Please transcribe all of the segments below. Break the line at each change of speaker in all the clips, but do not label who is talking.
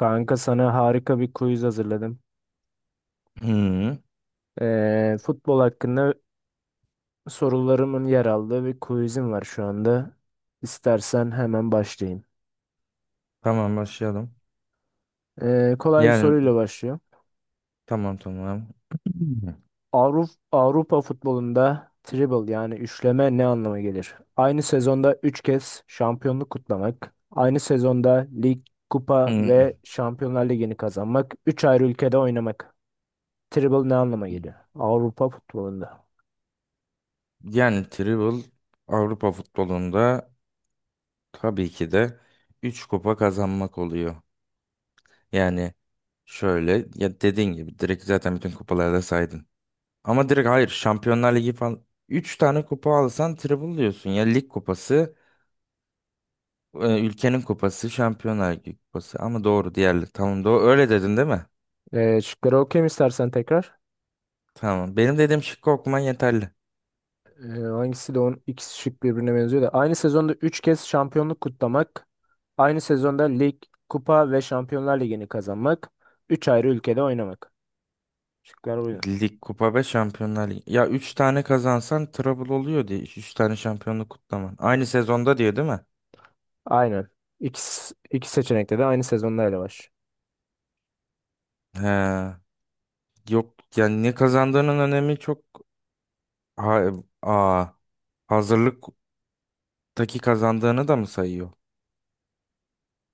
Kanka sana harika bir quiz hazırladım.
Hmm,
Futbol hakkında sorularımın yer aldığı bir quizim var şu anda. İstersen hemen başlayayım.
tamam başlayalım.
Kolay bir
Yani
soruyla başlıyor.
tamam tamam.
Avrupa futbolunda treble yani üçleme ne anlama gelir? Aynı sezonda 3 kez şampiyonluk kutlamak, aynı sezonda lig, kupa ve
Hmm,
Şampiyonlar Ligi'ni kazanmak, 3 ayrı ülkede oynamak. Treble ne anlama geliyor? Avrupa futbolunda.
Yani Tribble Avrupa futbolunda tabii ki de 3 kupa kazanmak oluyor. Yani şöyle, ya dediğin gibi, direkt zaten bütün kupaları da saydın. Ama direkt hayır, Şampiyonlar Ligi falan 3 tane kupa alsan Tribble diyorsun. Ya lig kupası, ülkenin kupası, Şampiyonlar Ligi kupası. Ama doğru diğerleri, tamam doğru öyle dedin değil mi?
Şıkları okuyayım istersen tekrar.
Tamam, benim dediğim şıkkı okuman yeterli.
Hangisi de on ikisi şık birbirine benziyor da. Aynı sezonda 3 kez şampiyonluk kutlamak. Aynı sezonda lig, kupa ve Şampiyonlar Ligi'ni kazanmak. Üç ayrı ülkede oynamak. Şıklar buydu.
Lig, kupa ve Şampiyonlar Ligi. Ya 3 tane kazansan treble oluyor diye. Üç tane şampiyonluk kutlaman. Aynı sezonda diyor değil mi?
Aynen. İki seçenekte de aynı sezonda ele var.
He. Yok yani ne kazandığının önemi çok, ha, aa, hazırlıktaki kazandığını da mı sayıyor?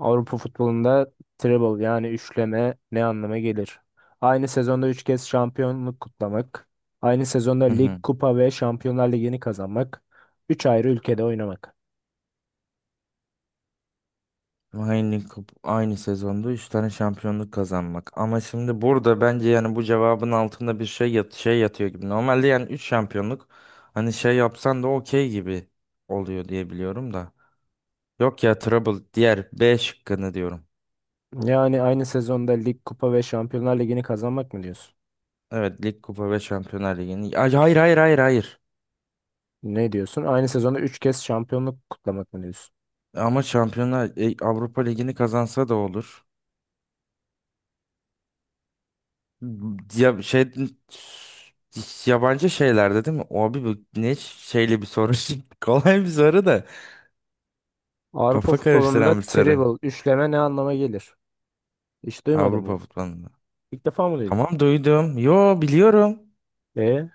Avrupa futbolunda treble yani üçleme ne anlama gelir? Aynı sezonda 3 kez şampiyonluk kutlamak. Aynı sezonda
Hı
lig,
hı.
kupa ve Şampiyonlar Ligi'ni kazanmak. Üç ayrı ülkede oynamak.
Aynı sezonda 3 tane şampiyonluk kazanmak. Ama şimdi burada bence yani bu cevabın altında bir şey yatıyor gibi. Normalde yani 3 şampiyonluk, hani şey yapsan da okey gibi oluyor diye biliyorum da. Yok ya, Trouble, diğer B şıkkını diyorum.
Yani aynı sezonda lig, kupa ve Şampiyonlar Ligi'ni kazanmak mı diyorsun?
Evet, lig, kupa ve Şampiyonlar Ligi'ni. Ay, hayır hayır hayır hayır.
Ne diyorsun? Aynı sezonda 3 kez şampiyonluk kutlamak mı diyorsun?
Ama Avrupa Ligi'ni kazansa da olur. Ya, şey, yabancı şeylerde değil mi? O abi, bu ne şeyli bir soru. Şimdi kolay bir soru da
Avrupa
kafa
futbolunda
karıştıran bir soru.
treble, üçleme ne anlama gelir? Hiç duymadın
Avrupa
mı?
futbolunda.
İlk defa mı duydun?
Tamam, duydum. Yo, biliyorum.
E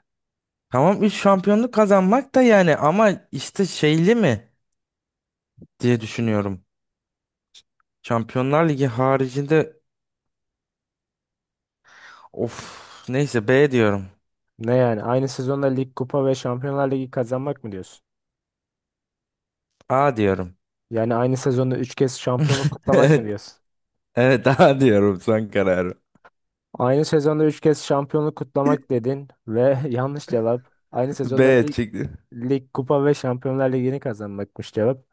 Tamam, 3 şampiyonluk kazanmak da yani, ama işte şeyli mi diye düşünüyorum. Şampiyonlar Ligi haricinde. Of, neyse, B diyorum.
ne yani? Aynı sezonda lig, kupa ve Şampiyonlar Ligi kazanmak mı diyorsun?
A diyorum.
Yani aynı sezonda 3 kez şampiyonluk kutlamak mı
Evet.
diyorsun?
Evet, A diyorum son kararı.
Aynı sezonda 3 kez şampiyonluk kutlamak dedin ve yanlış cevap. Aynı sezonda
B çıktı.
lig, kupa ve Şampiyonlar Ligi'ni kazanmakmış cevap.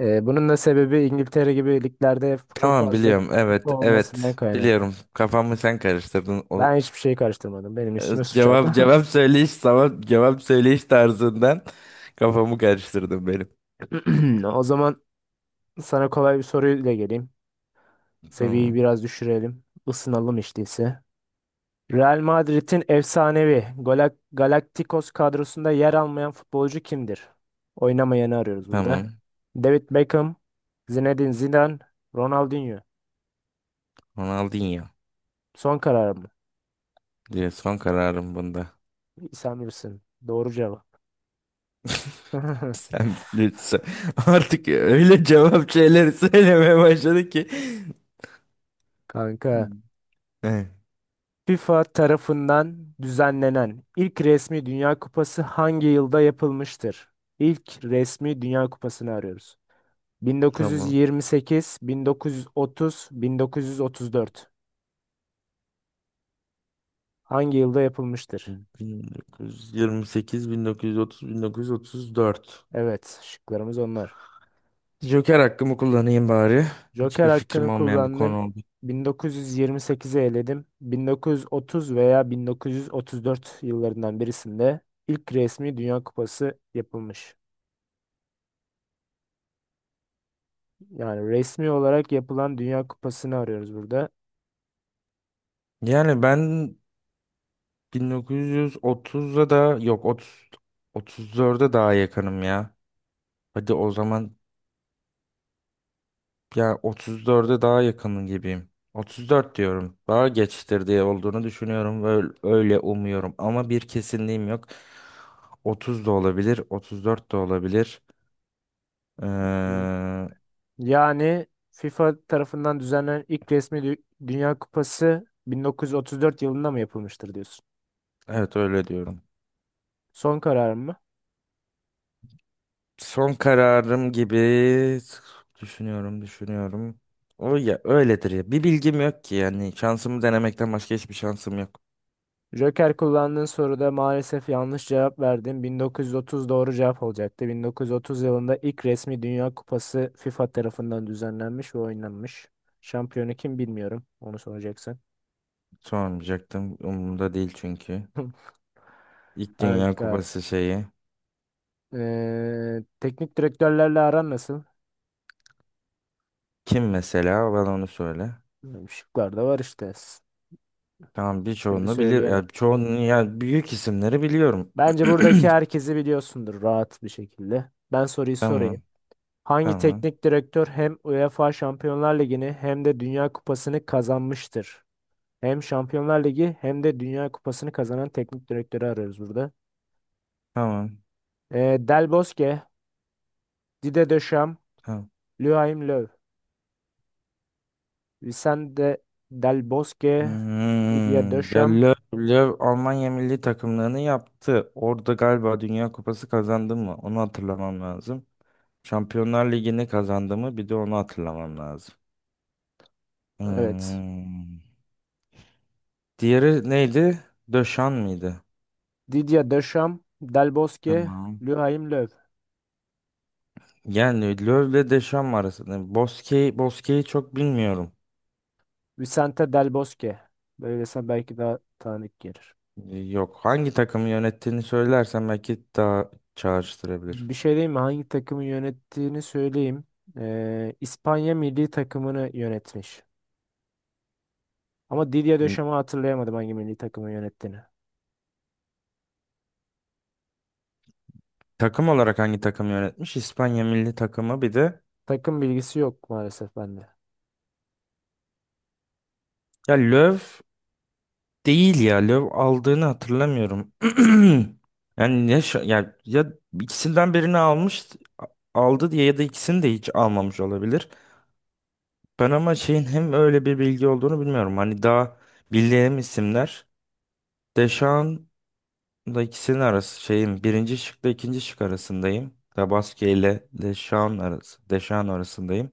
Bunun da sebebi İngiltere gibi liglerde çok
Tamam,
fazla
biliyorum.
kupa
Evet,
olmasından
evet,
kaynaklı.
biliyorum. Kafamı sen karıştırdın.
Ben hiçbir şey karıştırmadım. Benim üstüme suç attı.
Cevap, cevap söyleyiş tarzından kafamı karıştırdın benim.
O zaman sana kolay bir soruyla geleyim. Seviyeyi
Tamam.
biraz düşürelim. Isınalım hiç değilse. Real Madrid'in efsanevi Galacticos kadrosunda yer almayan futbolcu kimdir? Oynamayanı arıyoruz
Tamam.
burada. David Beckham, Zinedine Zidane, Ronaldinho.
Ronaldinho
Son karar mı?
diye son kararım bunda.
Sen bilirsin. Doğru cevap.
Sen lütfen artık öyle cevap şeyleri söylemeye başladı ki.
Kanka.
Eh,
FIFA tarafından düzenlenen ilk resmi Dünya Kupası hangi yılda yapılmıştır? İlk resmi Dünya Kupası'nı arıyoruz.
tamam.
1928, 1930, 1934. Hangi yılda yapılmıştır?
1928, 1930, 1934.
Evet, şıklarımız onlar.
Joker hakkımı kullanayım bari.
Joker
Hiçbir fikrim
hakkını
olmayan bir
kullandın.
konu oldu.
1928'i eledim. 1930 veya 1934 yıllarından birisinde ilk resmi Dünya Kupası yapılmış. Yani resmi olarak yapılan Dünya Kupası'nı arıyoruz burada.
Yani ben 1930'a da, yok, 30, 34'e daha yakınım ya. Hadi o zaman. Ya, 34'e daha yakın gibiyim. 34 diyorum. Daha geçtir diye olduğunu düşünüyorum ve öyle, öyle umuyorum. Ama bir kesinliğim yok. 30 da olabilir, 34 de olabilir. Ee,
Yani FIFA tarafından düzenlenen ilk resmi Dünya Kupası 1934 yılında mı yapılmıştır diyorsun?
evet, öyle diyorum.
Son kararım mı?
Son kararım gibi düşünüyorum, düşünüyorum. O ya öyledir ya. Bir bilgim yok ki yani, şansımı denemekten başka hiçbir şansım yok.
Joker kullandığın soruda maalesef yanlış cevap verdin. 1930 doğru cevap olacaktı. 1930 yılında ilk resmi Dünya Kupası FIFA tarafından düzenlenmiş ve oynanmış. Şampiyonu kim bilmiyorum. Onu soracaksın.
Sormayacaktım. Umurumda değil çünkü. İlk Dünya
Kanka,
Kupası şeyi.
teknik direktörlerle aran nasıl?
Kim mesela? Bana onu söyle.
Bilmiyorum, şıklar da var işte.
Tamam,
Şimdi
birçoğunu bilir.
söyleyemem.
Ya çoğunu ya büyük isimleri biliyorum.
Bence buradaki herkesi biliyorsundur rahat bir şekilde. Ben soruyu sorayım.
Tamam.
Hangi
Tamam.
teknik direktör hem UEFA Şampiyonlar Ligi'ni hem de Dünya Kupası'nı kazanmıştır? Hem Şampiyonlar Ligi hem de Dünya Kupası'nı kazanan teknik direktörü arıyoruz burada.
Tamam.
Del Bosque, Didier Deschamps,
Tamam.
Joachim Löw. Vicente Del Bosque, Didier
Hmm. Ya
Deschamps.
Löw, Almanya milli takımlarını yaptı. Orada galiba Dünya Kupası kazandı mı? Onu hatırlamam lazım. Şampiyonlar Ligi'ni kazandı mı? Bir de onu hatırlamam lazım.
Evet.
Hmm. Diğeri neydi? Döşan mıydı?
Didier Deschamps, Del Bosque,
Tamam.
Joachim Löw.
Yani Löw'le Deşan arasında. Bosque'yi çok bilmiyorum.
Vicente Del Bosque. Böylese belki daha tanıdık gelir.
Yok. Hangi takımı yönettiğini söylersen belki daha çağrıştırabilir.
Bir şey diyeyim mi? Hangi takımı yönettiğini söyleyeyim. İspanya milli takımını yönetmiş. Ama Didier
Şimdi
Deschamps hatırlayamadım hangi milli takımı yönettiğini.
takım olarak hangi takımı yönetmiş? İspanya milli takımı bir de.
Takım bilgisi yok maalesef bende.
Ya Löw değil ya. Löw aldığını hatırlamıyorum. Yani ya ikisinden birini aldı diye, ya da ikisini de hiç almamış olabilir. Ben ama şeyin hem öyle bir bilgi olduğunu bilmiyorum. Hani daha bildiğim isimler. Deschamps da ikisinin arası şeyim, birinci şıkla ikinci şık arasındayım. Tabaski ile Deşan arası, Deşan arasındayım.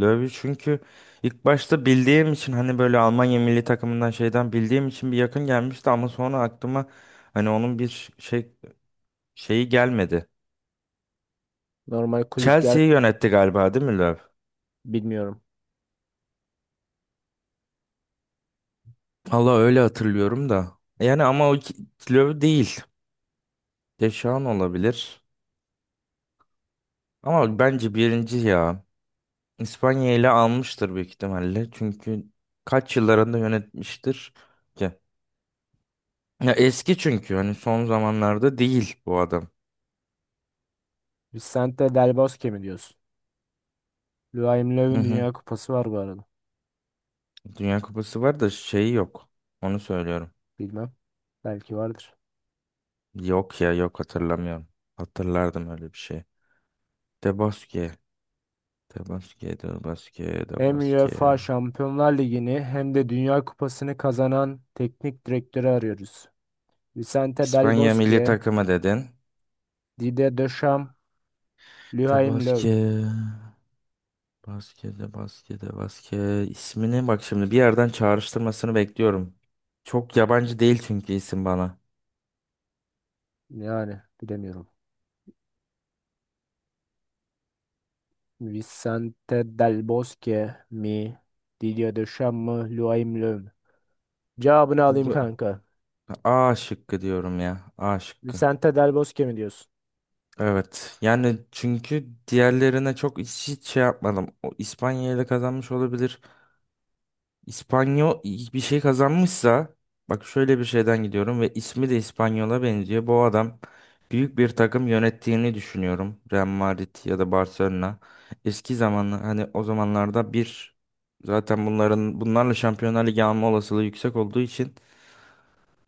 Löwy çünkü ilk başta bildiğim için, hani böyle Almanya milli takımından şeyden bildiğim için bir yakın gelmişti, ama sonra aklıma, hani onun bir şeyi gelmedi.
Normal kulüp gel
Chelsea'yi yönetti galiba değil mi Löw?
bilmiyorum.
Allah, öyle hatırlıyorum da. Yani ama o Löw değil. Deşan olabilir. Ama bence birinci ya. İspanya ile almıştır büyük ihtimalle. Çünkü kaç yıllarında yönetmiştir ki? Ya eski, çünkü hani son zamanlarda değil bu adam.
Vicente Del Bosque mi diyorsun? Joachim
Hı
Löw'ün
hı.
Dünya Kupası var bu arada.
Dünya Kupası var da şeyi yok. Onu söylüyorum.
Bilmem. Belki vardır.
Yok ya, yok, hatırlamıyorum. Hatırlardım öyle bir şey. De Bosque. De Bosque, De Bosque, De
Hem
Bosque.
UEFA Şampiyonlar Ligi'ni hem de Dünya Kupası'nı kazanan teknik direktörü arıyoruz. Vicente Del
İspanya milli
Bosque,
takımı dedin.
Didier Deschamps,
De
Luhaim Löw.
Bosque. Baskede, baskede, baske ismini bak, şimdi bir yerden çağrıştırmasını bekliyorum. Çok yabancı değil çünkü isim bana.
Yani bilemiyorum. Vicente Del Bosque mi? Didier Deschamps mı? Luhaim Löw mü? Cevabını alayım
Bu
kanka.
A şıkkı diyorum ya. A şıkkı.
Vicente Del Bosque mi diyorsun?
Evet. Yani çünkü diğerlerine çok, hiç, hiç şey yapmadım. O İspanya ile kazanmış olabilir. İspanyol bir şey kazanmışsa, bak şöyle bir şeyden gidiyorum ve ismi de İspanyol'a benziyor. Bu adam büyük bir takım yönettiğini düşünüyorum. Real Madrid ya da Barcelona. Eski zamanlı, hani o zamanlarda bir, zaten bunlarla Şampiyonlar Ligi alma olasılığı yüksek olduğu için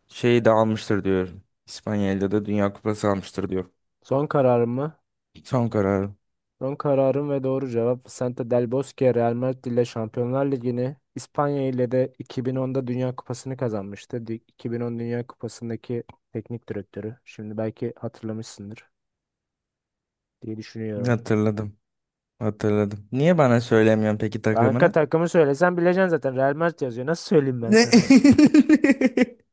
şeyi de almıştır diyorum. İspanya'da da Dünya Kupası almıştır diyorum.
Son kararım mı?
Son kararım.
Son kararım ve doğru cevap Vicente Del Bosque Real Madrid ile Şampiyonlar Ligi'ni İspanya ile de 2010'da Dünya Kupası'nı kazanmıştı. 2010 Dünya Kupası'ndaki teknik direktörü. Şimdi belki hatırlamışsındır diye düşünüyorum.
Hatırladım. Hatırladım. Niye bana söylemiyorsun peki
Kanka
takımını?
takımı söylesen bileceksin zaten. Real Madrid yazıyor. Nasıl söyleyeyim ben sana?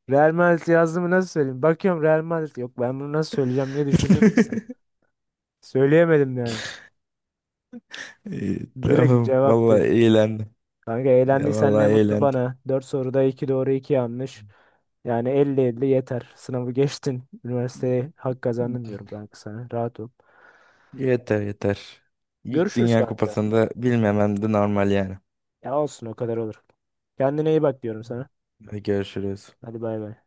Real Madrid yazdı nasıl söyleyeyim? Bakıyorum Real Madrid. Yok ben bunu nasıl söyleyeceğim diye düşündüm iki saat. Söyleyemedim yani.
İyi,
Direkt
tamam. Vallahi
cevaptı.
eğlendim.
Kanka
Ya
eğlendiysen ne
vallahi
mutlu
eğlendim.
bana. 4 soruda 2 doğru 2 yanlış. Yani elli elli yeter. Sınavı geçtin. Üniversiteye hak kazandın diyorum kanka sana. Rahat ol.
Yeter yeter. İlk
Görüşürüz
Dünya
kanka.
Kupası'nda bilmemem de normal yani.
Ya olsun o kadar olur. Kendine iyi bak diyorum sana.
Hadi görüşürüz.
Hadi bay bay.